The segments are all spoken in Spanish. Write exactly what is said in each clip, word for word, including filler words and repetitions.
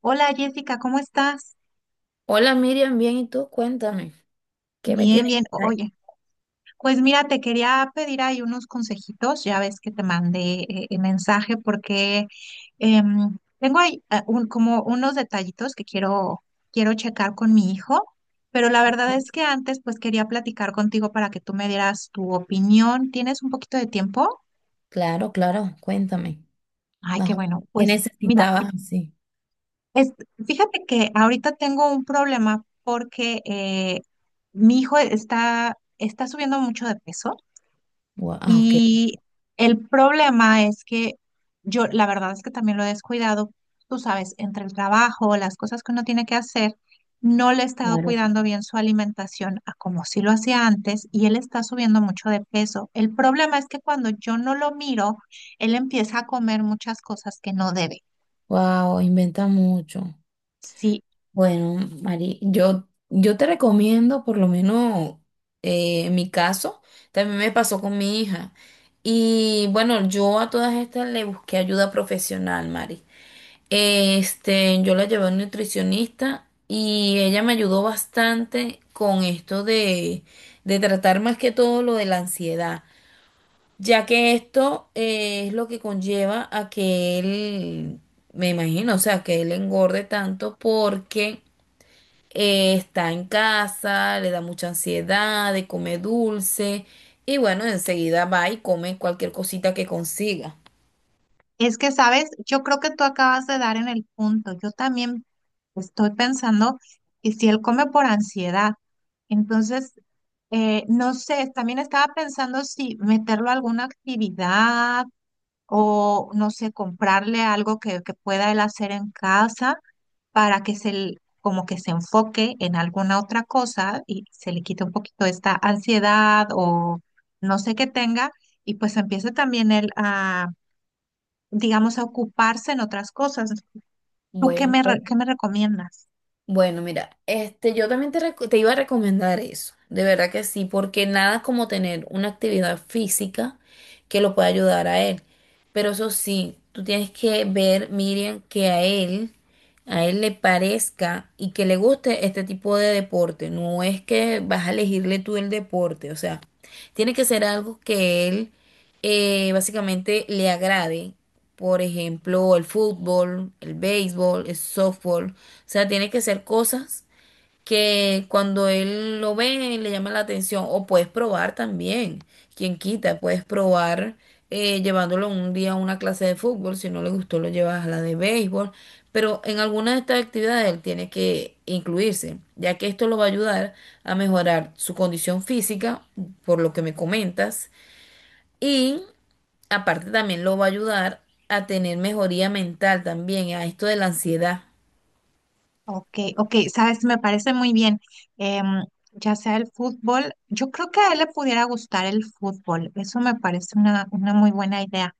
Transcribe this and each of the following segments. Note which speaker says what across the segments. Speaker 1: Hola Jessica, ¿cómo estás?
Speaker 2: Hola Miriam, bien, ¿y tú? Cuéntame, ¿qué me
Speaker 1: Bien,
Speaker 2: tienes
Speaker 1: bien. O-
Speaker 2: por ahí?
Speaker 1: Oye, pues mira, te quería pedir ahí unos consejitos. Ya ves que te mandé eh, el mensaje porque em, tengo ahí eh, un- como unos detallitos que quiero, quiero checar con mi hijo, pero la verdad es que antes pues quería platicar contigo para que tú me dieras tu opinión. ¿Tienes un poquito de tiempo?
Speaker 2: Claro, claro, cuéntame.
Speaker 1: Ay,
Speaker 2: Más
Speaker 1: qué
Speaker 2: o
Speaker 1: bueno.
Speaker 2: menos, ¿qué
Speaker 1: Pues mira.
Speaker 2: necesitabas así?
Speaker 1: Es, fíjate que ahorita tengo un problema porque eh, mi hijo está, está subiendo mucho de peso
Speaker 2: Wow, ok,
Speaker 1: y el problema es que yo, la verdad es que también lo he descuidado, tú sabes, entre el trabajo, las cosas que uno tiene que hacer, no le he estado
Speaker 2: claro.
Speaker 1: cuidando bien su alimentación a como si lo hacía antes y él está subiendo mucho de peso. El problema es que cuando yo no lo miro, él empieza a comer muchas cosas que no debe.
Speaker 2: Wow, inventa mucho.
Speaker 1: Sí.
Speaker 2: Bueno, Mari, yo, yo te recomiendo, por lo menos eh, en mi caso, también me pasó con mi hija. Y bueno, yo a todas estas le busqué ayuda profesional, Mari. Este, yo la llevé a un nutricionista y ella me ayudó bastante con esto de, de tratar más que todo lo de la ansiedad, ya que esto eh, es lo que conlleva a que él, me imagino, o sea, que él engorde tanto porque eh, está en casa, le da mucha ansiedad de comer dulce y bueno, enseguida va y come cualquier cosita que consiga.
Speaker 1: Es que, sabes, yo creo que tú acabas de dar en el punto. Yo también estoy pensando que si él come por ansiedad, entonces, eh, no sé, también estaba pensando si meterlo a alguna actividad o, no sé, comprarle algo que, que pueda él hacer en casa para que se, l- como que se enfoque en alguna otra cosa y se le quite un poquito esta ansiedad o no sé qué tenga y pues empiece también él digamos, a ocuparse en otras cosas. ¿Tú qué
Speaker 2: Bueno.
Speaker 1: me, re- qué me recomiendas?
Speaker 2: Bueno, mira, este, yo también te, reco- te iba a recomendar eso, de verdad que sí, porque nada como tener una actividad física que lo pueda ayudar a él. Pero eso sí, tú tienes que ver, Miriam, que a él, a él le parezca y que le guste este tipo de deporte. No es que vas a elegirle tú el deporte, o sea, tiene que ser algo que él eh, básicamente le agrade, por ejemplo, el fútbol, el béisbol, el softball. O sea, tiene que ser cosas que cuando él lo ve le llama la atención. O puedes probar también, quien quita, puedes probar eh, llevándolo un día a una clase de fútbol. Si no le gustó, lo llevas a la de béisbol. Pero en alguna de estas actividades él tiene que incluirse, ya que esto lo va a ayudar a mejorar su condición física, por lo que me comentas y aparte también lo va a ayudar a tener mejoría mental también, a esto de la ansiedad.
Speaker 1: Ok, ok, sabes, me parece muy bien. Em, ya sea el fútbol, yo creo que a él le pudiera gustar el fútbol. Eso me parece una, una muy buena idea.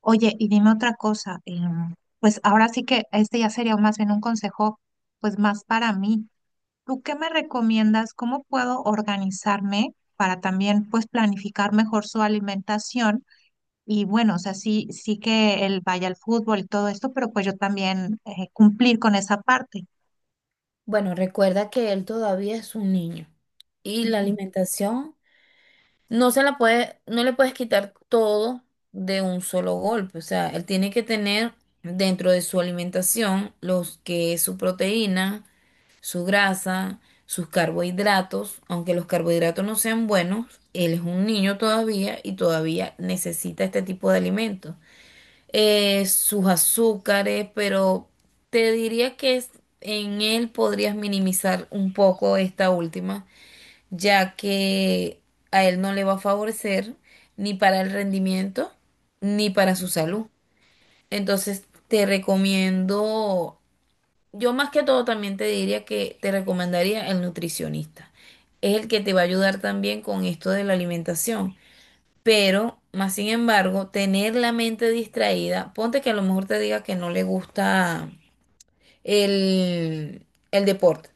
Speaker 1: Oye, y dime otra cosa. em, pues ahora sí que este ya sería más bien un consejo, pues más para mí. ¿Tú qué me recomiendas? ¿Cómo puedo organizarme para también, pues, planificar mejor su alimentación? Y bueno, o sea, sí, sí que él vaya al fútbol y todo esto, pero pues yo también eh, cumplir con esa parte.
Speaker 2: Bueno, recuerda que él todavía es un niño y la
Speaker 1: Ujú.
Speaker 2: alimentación no se la puede, no le puedes quitar todo de un solo golpe. O sea, él tiene que tener dentro de su alimentación los que es su proteína, su grasa, sus carbohidratos, aunque los carbohidratos no sean buenos, él es un niño todavía y todavía necesita este tipo de alimentos. Eh, sus azúcares, pero te diría que es- en él podrías minimizar un poco esta última, ya que a él no le va a favorecer ni para el rendimiento ni para su salud. Entonces te recomiendo, yo más que todo también te diría que te recomendaría el nutricionista. Es el que te va a ayudar también con esto de la alimentación, pero, más sin embargo, tener la mente distraída, ponte que a lo mejor te diga que no le gusta el, el deporte.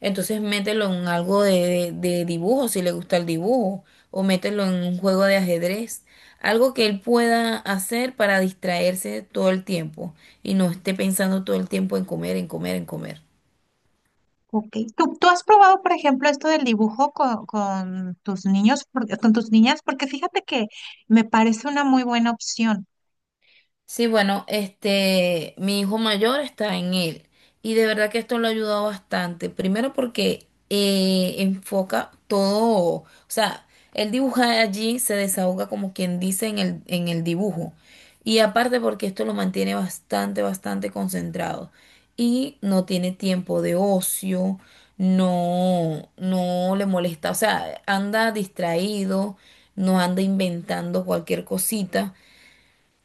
Speaker 2: Entonces mételo en algo de, de- de dibujo, si le gusta el dibujo, o mételo en un juego de ajedrez, algo que él pueda hacer para distraerse todo el tiempo y no esté pensando todo el tiempo en comer, en comer, en comer.
Speaker 1: Ok. ¿Tú, tú has probado, por ejemplo, esto del dibujo con, con tus niños, Porque- con tus niñas? Porque fíjate que me parece una muy buena opción.
Speaker 2: Sí, bueno, este, mi hijo mayor está en él y de verdad que esto lo ha ayudado bastante. Primero porque eh, enfoca todo, o sea, él dibuja allí, se desahoga como quien dice en el, en el dibujo. Y aparte porque esto lo mantiene bastante, bastante concentrado y no tiene tiempo de ocio, no, no le molesta, o sea, anda distraído, no anda inventando cualquier cosita.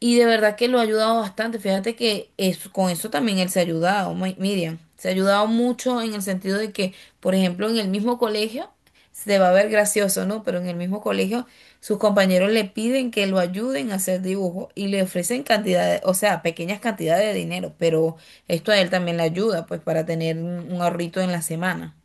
Speaker 2: Y de verdad que lo ha ayudado bastante. Fíjate que es, con eso también él se ha ayudado, Mi- Miriam. Se ha ayudado mucho en el sentido de que, por ejemplo, en el mismo colegio, se va a ver gracioso, ¿no? Pero en el mismo colegio, sus compañeros le piden que lo ayuden a hacer dibujo y le ofrecen cantidades, o sea, pequeñas cantidades de dinero, pero esto a él también le ayuda, pues, para tener un un ahorrito en la semana.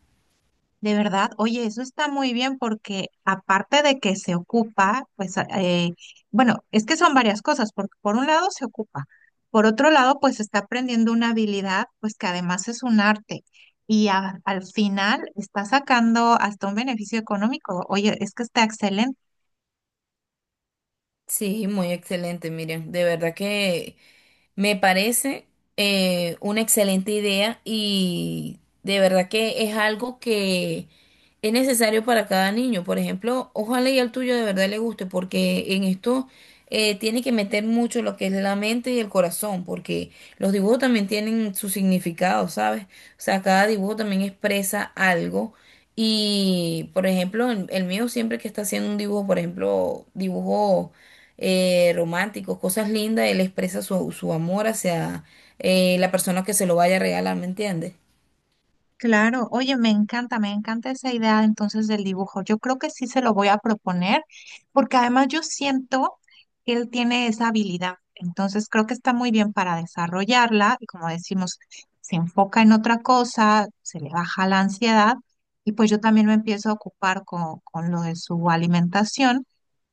Speaker 1: De verdad, oye, eso está muy bien porque aparte de que se ocupa, pues a- eh, bueno, es que son varias cosas, porque por un lado se ocupa, por otro lado pues está aprendiendo una habilidad, pues que además es un arte y a- al final está sacando hasta un beneficio económico. Oye, es que está excelente.
Speaker 2: Sí, muy excelente, Miriam. De verdad que me parece eh, una excelente idea y de verdad que es algo que es necesario para cada niño. Por ejemplo, ojalá y al tuyo de verdad le guste, porque en esto eh, tiene que meter mucho lo que es la mente y el corazón, porque los dibujos también tienen su significado, ¿sabes? O sea, cada dibujo también expresa algo. Y, por ejemplo, el, el mío siempre que está haciendo un dibujo, por ejemplo, dibujo eh, románticos, cosas lindas, él expresa su, su amor hacia eh, la persona que se lo vaya a regalar, ¿me entiendes?
Speaker 1: Claro, oye, me encanta, me encanta esa idea entonces del dibujo. Yo creo que sí se lo voy a proponer, porque además yo siento que él tiene esa habilidad. Entonces creo que está muy bien para desarrollarla y como decimos, se enfoca en otra cosa, se le baja la ansiedad y pues yo también me empiezo a ocupar con, con lo de su alimentación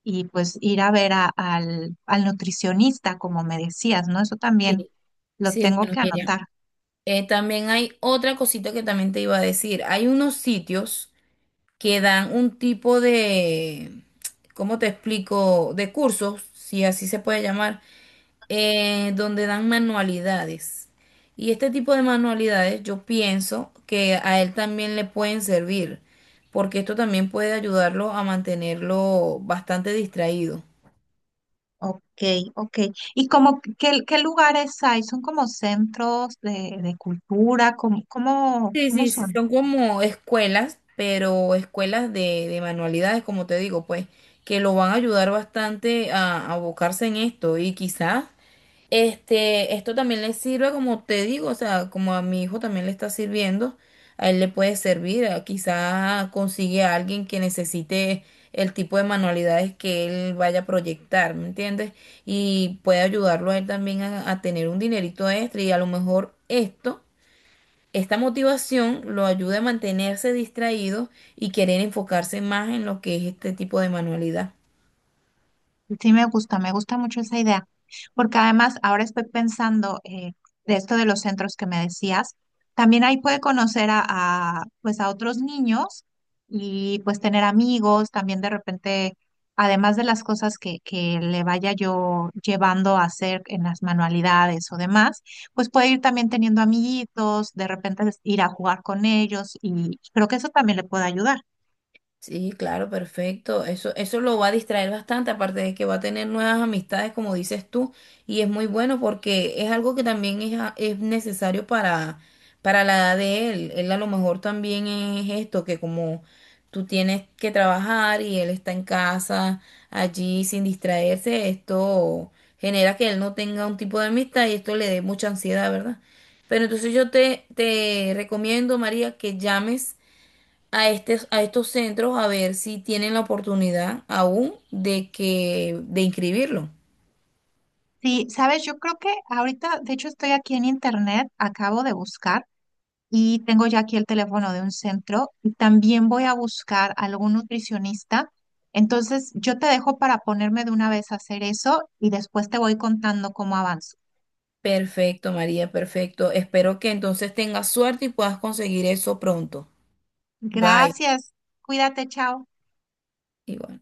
Speaker 1: y pues ir a ver a- al, al nutricionista, como me decías, ¿no? Eso también
Speaker 2: Sí,
Speaker 1: lo
Speaker 2: sí,
Speaker 1: tengo
Speaker 2: bueno,
Speaker 1: que
Speaker 2: Miriam.
Speaker 1: anotar.
Speaker 2: Eh, también hay otra cosita que también te iba a decir. Hay unos sitios que dan un tipo de, ¿cómo te explico? De cursos, si así se puede llamar, eh, donde dan manualidades. Y este tipo de manualidades yo pienso que a él también le pueden servir, porque esto también puede ayudarlo a mantenerlo bastante distraído.
Speaker 1: Ok, ok. ¿Y como qué, qué lugares hay? ¿Son como centros de, de cultura? ¿Cómo, cómo,
Speaker 2: Sí,
Speaker 1: cómo
Speaker 2: sí, sí,
Speaker 1: son?
Speaker 2: son como escuelas, pero escuelas de, de manualidades, como te digo, pues, que lo van a ayudar bastante a, a abocarse en esto y quizás este, esto también le sirve, como te digo, o sea, como a mi hijo también le está sirviendo, a él le puede servir, a- quizá consigue a alguien que necesite el tipo de manualidades que él vaya a proyectar, ¿me entiendes? Y puede ayudarlo a él también a, a tener un dinerito extra y a lo mejor esto, esta motivación lo ayuda a mantenerse distraído y querer enfocarse más en lo que es este tipo de manualidad.
Speaker 1: Sí, me gusta, me gusta mucho esa idea, porque además ahora estoy pensando eh, de esto de los centros que me decías, también ahí puede conocer a, a, pues a otros niños y pues tener amigos, también de repente, además de las cosas que, que le vaya yo llevando a hacer en las manualidades o demás, pues puede ir también teniendo amiguitos, de repente ir a jugar con ellos y creo que eso también le puede ayudar.
Speaker 2: Sí, claro, perfecto. Eso, eso lo va a distraer bastante, aparte de que va a tener nuevas amistades, como dices tú, y es muy bueno porque es algo que también es, a- es necesario para, para la edad de él. Él a lo mejor también es esto, que como tú tienes que trabajar y él está en casa, allí sin distraerse, esto genera que él no tenga un tipo de amistad y esto le dé mucha ansiedad, ¿verdad? Pero entonces yo te, te recomiendo, María, que llames a, estes- a estos centros a ver si tienen la oportunidad aún de que de inscribirlo.
Speaker 1: Sí, sabes, yo creo que ahorita, de hecho, estoy aquí en internet, acabo de buscar y tengo ya aquí el teléfono de un centro y también voy a buscar algún nutricionista. Entonces, yo te dejo para ponerme de una vez a hacer eso y después te voy contando cómo avanzo.
Speaker 2: Perfecto, María, perfecto. Espero que entonces tengas suerte y puedas conseguir eso pronto. Bye.
Speaker 1: Gracias, cuídate, chao.
Speaker 2: Igual.